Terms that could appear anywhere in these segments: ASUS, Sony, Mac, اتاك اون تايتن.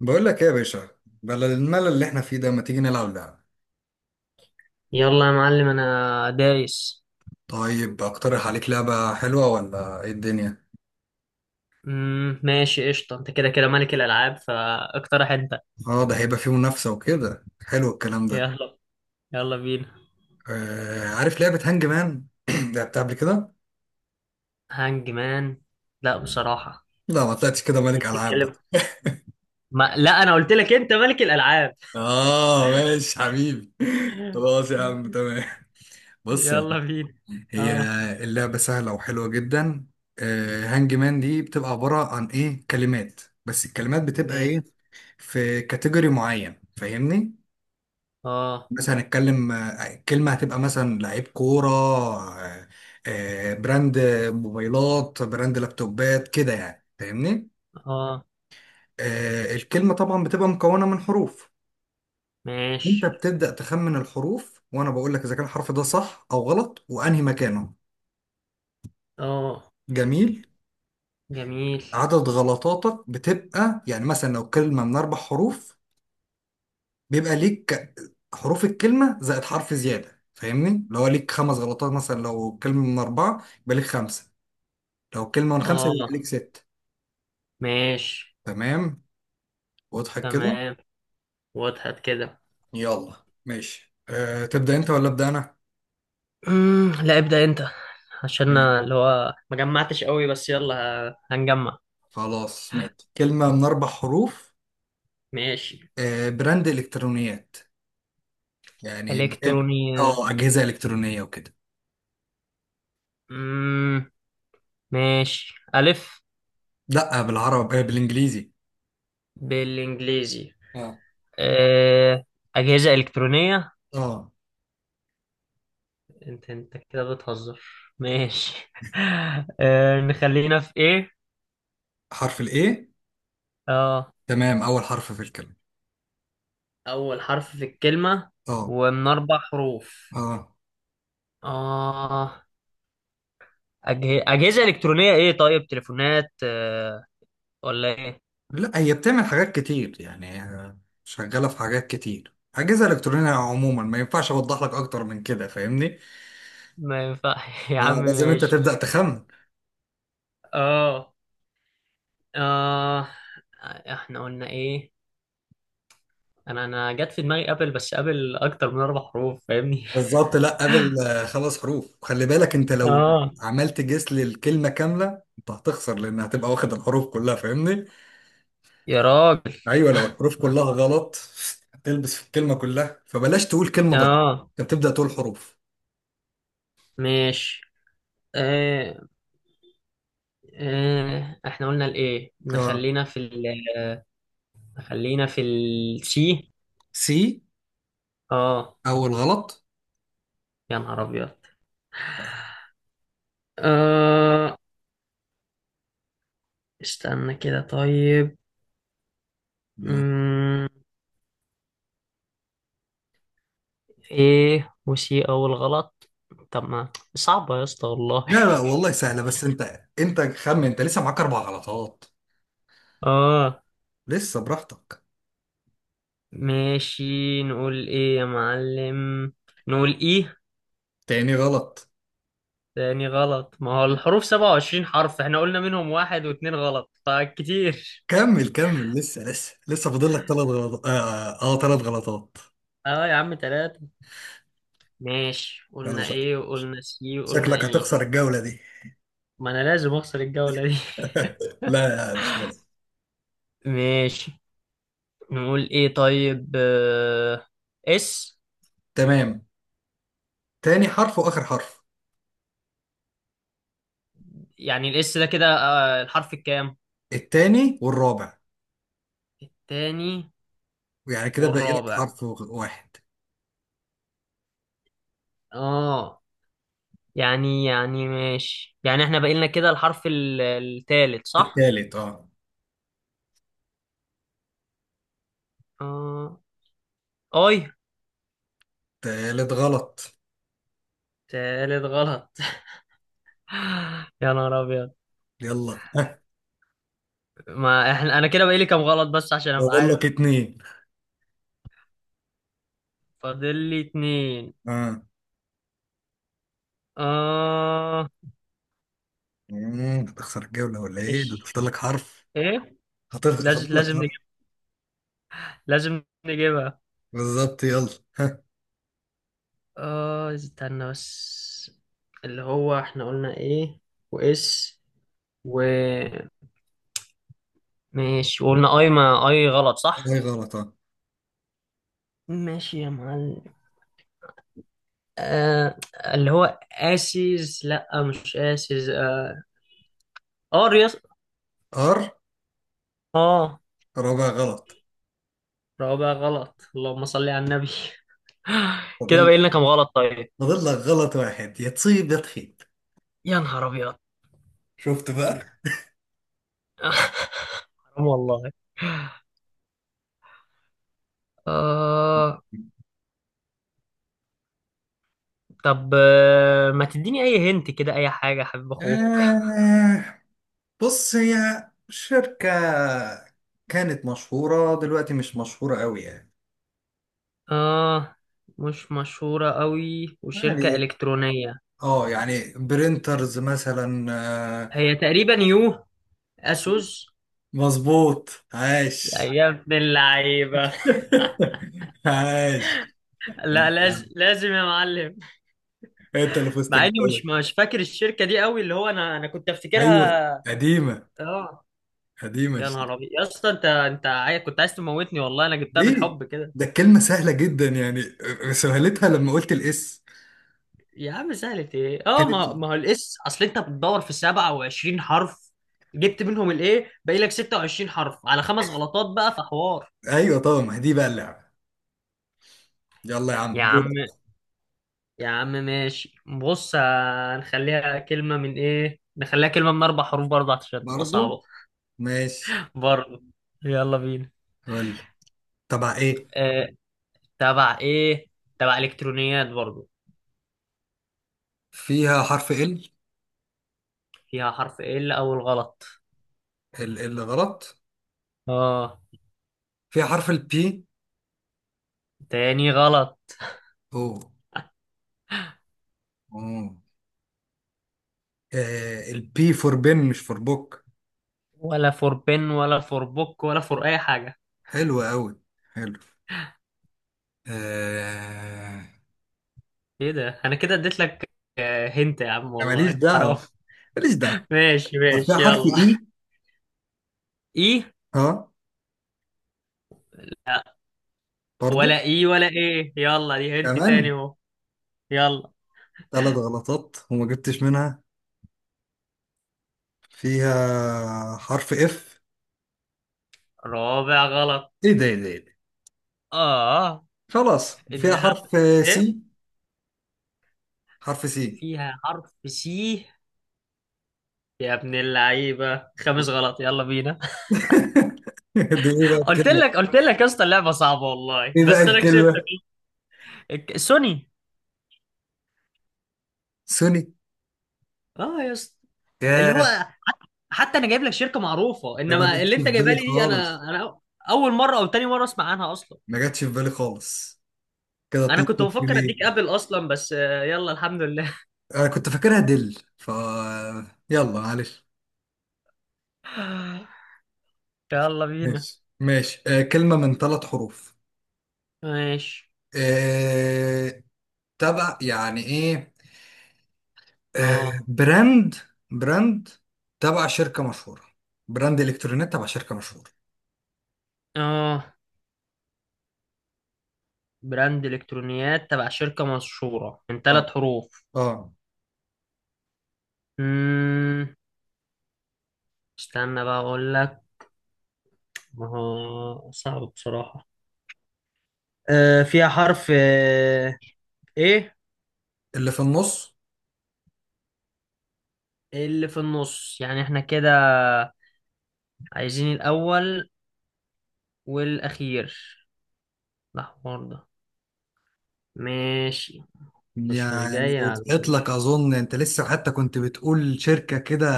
بقول لك ايه يا باشا؟ بدل الملل اللي احنا فيه ده، ما تيجي نلعب لعبة؟ يلا يا معلم انا دايس. طيب، اقترح عليك لعبة حلوة ولا ايه الدنيا؟ ماشي قشطة، انت كده كده ملك الالعاب فاقترح انت. اه، ده هيبقى فيه منافسة وكده، حلو الكلام ده. يلا. يلا بينا. عارف لعبة هانج مان؟ لعبتها قبل كده؟ هانج مان؟ لا بصراحة. لا، ما طلعتش كده دي ملك العاب بقى. بتتكلم. ما لا انا قلت لك انت ملك الالعاب. اه، ماشي حبيبي. خلاص يا عم، تمام. بص يعني. يلا بينا. هي اه اللعبة سهلة وحلوة جدا. هانج مان دي بتبقى عبارة عن ايه؟ كلمات، بس الكلمات بتبقى ايه؟ ماشي. في كاتيجوري معين، فاهمني؟ اه. مثلا نتكلم، كلمة هتبقى مثلا لعيب كورة، براند موبايلات، براند لابتوبات، كده يعني، فاهمني؟ اه الكلمة طبعا بتبقى مكونة من حروف. انت ماشي. بتبدأ تخمن الحروف، وانا بقول لك اذا كان الحرف ده صح او غلط وانهي مكانه. اه جميل. جميل. عدد غلطاتك بتبقى يعني مثلا لو كلمة من اربع حروف، بيبقى ليك حروف الكلمة زائد حرف زيادة، فاهمني؟ لو ليك خمس غلطات. مثلا لو كلمة من اربعة، يبقى ليك خمسة. لو كلمة من خمسة، يبقى ليك اه ست. ماشي. تمام، واضحك كده؟ تمام، وضحت كده. يلا ماشي. تبدأ أنت ولا أبدأ أنا؟ لا ابدأ انت، عشان مم. اللي هو ما جمعتش قوي، بس يلا. هنجمع. خلاص ماشي، كلمة من أربع حروف. ماشي. براند إلكترونيات، يعني الكتروني. اه، أجهزة إلكترونية وكده. مم، ماشي. الف. لأ، بالعربي، بالإنجليزي. بالانجليزي. اه. أه... اجهزة الكترونية. اه، انت كده بتهزر. ماشي. نخلينا في ايه. حرف الايه. اه تمام، اول حرف في الكلمه. اول حرف في الكلمة. اه. ومن اربع حروف. اه. اه. اجهزة الكترونية ايه؟ طيب تليفونات؟ ولا ايه؟ لا، هي بتعمل حاجات كتير يعني، شغاله في حاجات كتير، اجهزه الكترونيه عموما ما ينفعش اوضح لك اكتر من كده، فاهمني؟ ما ينفع. يا اه، عم لازم انت ماشي. تبدأ تخمن. اه. اه احنا قلنا ايه؟ انا جت في دماغي قبل، بس قبل اكتر من اربع حروف فاهمني. بالظبط. لا، قبل خمس حروف، وخلي بالك انت لو اه. عملت جس للكلمة كاملة، انت هتخسر لان هتبقى واخد الحروف كلها، فاهمني؟ يا راجل. ايوه، لو الحروف كلها غلط هتلبس في الكلمة كلها، فبلاش تقول كلمة ضايعة. اه انت بتبدأ تقول حروف. ماشي. آه. آه احنا قلنا الايه، اه، نخلينا في نخلينا في السي. سي؟ اه. اول غلط. يا نهار ابيض. آه استنى كده طيب. لا مم. ايه وسي اول غلط؟ طب ما صعبة يا اسطى والله. لا لا، والله سهلة. بس انت خمن، انت لسه معاك اربع غلطات. اه لسه براحتك. ماشي. نقول ايه يا معلم؟ نقول ايه؟ تاني غلط. تاني غلط؟ ما هو الحروف 27 حرف، احنا قلنا منهم واحد واتنين غلط فكتير. كمل كمل، لسه لسه لسه فاضل لك ثلاث غلطات. اه، ثلاث، تلات غلطات. اه يا عم تلاتة. ماشي، يلا قلنا ايه وقلنا سي وقلنا شكلك ايه. هتخسر الجولة دي. ما انا لازم اخسر الجولة دي. لا مش لازم. ماشي. نقول ايه طيب؟ آه، اس. تمام، تاني حرف واخر حرف. يعني الاس ده كده آه، الحرف الكام؟ التاني والرابع. التاني يعني كده باقي لك والرابع. حرف واحد. اه. يعني يعني ماشي، يعني احنا بقينا كده الحرف التالت صح؟ التالت، اه. اه. اي. تالت غلط. تالت غلط. يا نهار ابيض. يلا. ما احنا انا كده بقالي كام غلط، بس عشان ابقى فاضل عارف. لك اتنين. فاضل لي اتنين. اه. اه. هتخسر الجولة ولا ايه؟ ده ماشي. فاضل لك حرف. ايه. لازم فاضل لك لازم حرف. نجيب. لازم نجيبها. بالظبط، يلا. ها. اه استنى بس. اللي هو احنا قلنا ايه. واس. و. ماشي، وقلنا اي. ما اي غلط صح. ايه؟ غلط. اه. ماشي يا معلم. آه، اللي هو اسيز. لا مش اسيز. اه اريس. ار؟ اه. رابع غلط. رابع غلط، اللهم صل على النبي. كده فاضل باين لنا كام غلط طيب. فاضل لك غلط واحد، يا تصيب يا تخيب. يا نهار ابيض. شفت بقى؟ ال- حرام والله. آه. طب آه، ما تديني اي، هنت كده اي حاجه يا حبيب اخوك. آه بص، هي شركة كانت مشهورة، دلوقتي مش مشهورة قوي يعني. اه. مش مشهوره قوي، وشركه يعني الكترونيه. برينترز مثلا، آه، هي تقريبا يو. اسوس. مظبوط، عاش. يا ابن اللعيبه. عاش. لا انت لازم لازم يا معلم. انت اللي فزت مع اني الجولة. مش فاكر الشركه دي قوي، اللي هو انا كنت ايوه، افتكرها. قديمة. اه. قديمة يا الشركة. نهار ابيض يا اسطى، انت كنت عايز تموتني والله، انا جبتها ليه؟ بالحب كده. ده الكلمة سهلة جدا يعني، سهلتها لما قلت الاس. يا عم سهلت ايه؟ اه كانت. ما ما هو الاس، اصل انت بتدور في 27 حرف. جبت منهم الايه، باقي لك 26 حرف على خمس غلطات بقى في حوار. ايوه طبعا، ما هي دي بقى اللعبة. يلا يا عم، يا عم. دورك. يا عم ماشي، بص هنخليها كلمه من ايه، نخليها كلمه من اربع حروف برضه عشان تبقى برضو صعبه. ماشي. برضه. يلا بينا. قول. تبع ايه؟ آه، تبع ايه؟ تبع الكترونيات برضو. فيها حرف ال. فيها حرف ال؟ اول غلط. ال غلط. اه. فيها حرف البي. تاني غلط. اوه. اوه. البي فور بن، مش فور بوك. ولا فور بن، ولا فور بوك، ولا فور اي حاجة. حلو قوي، حلو. آه... ايه ده، انا كده اديت لك. آه، هنت يا عم ماليش والله حرام. دعوة. ماليش دعوة. ماشي طب، فيها ماشي حرف يلا. اي. اي. اه، برضو. ولا اي، ولا ايه. يلا دي هنت تاني كمان اهو. يلا. ثلاث غلطات وما جبتش منها. فيها حرف اف. رابع غلط. ايه ده، ايه ده، إيه ده؟ اه. خلاص، فيها انها حرف ايه؟ سي، حرف سي. فيها حرف سي؟ يا ابن اللعيبة، خامس غلط. يلا بينا. دي ايه بقى قلت الكلمة؟ لك قلت لك يا اسطى اللعبه صعبه والله، ايه بقى بس انا كسبتك. الكلمة؟ سوني. سوني. اه يا اسطى. اللي هو ياه، حتى انا جايب لك شركه معروفه، ده ما انما جاتش اللي في انت جايبها بالي لي دي انا خالص. انا اول مره او تاني مره اسمع عنها اصلا. ما جاتش في بالي خالص كده. انا كنت 2-0. بفكر ليه؟ اديك ابل اصلا، بس آه، يلا الحمد لله. انا كنت فاكرها دل ف. يلا، معلش. يلا بينا. ماشي ماشي، كلمة من ثلاث حروف. ماشي. آه، تبع يعني ايه؟ اه. براند. براند تبع شركة مشهورة. براند الكترونيات تبع شركة مشهورة. اه براند الكترونيات تبع شركه مشهوره من اه. ثلاث حروف. اه. امم استنى بقى اقول لك. ما هو صعب بصراحه. آه، فيها حرف آه، ايه؟ اللي في النص. اللي في النص؟ يعني احنا كده عايزين الاول والاخير. الاحمر ده. ماشي. مش يعني جاي على وضحت لك اظن، انت لسه حتى كنت بتقول شركة كده.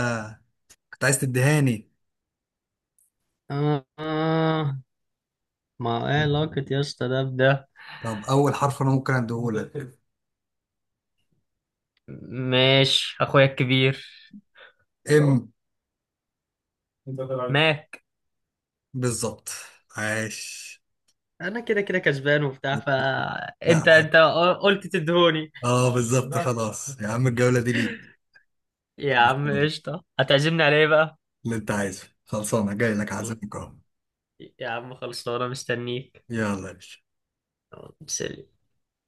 كنت عايز تدهاني. آه آه، ما ايه علاقة يا اسطى ده بده. طب، أول حرف أنا ممكن أديهولك. اه، ماشي اخويا الكبير. إم. انت طلعت. ماك. بالظبط، عاش. انا كده كده كسبان وبتاع لا. فانت. انت عاش. قلت تدهوني. اه، بالظبط. لا، خلاص يا عم، الجولة دي ليك. يا خلاص، عم تمام. قشطة، هتعزمني على ايه بقى؟ اللي أنت عايزه خلصانة، جاي لك خلاص. عازمك أهو. يا عم خلصانة، مستنيك. يلا يا باشا. سلي.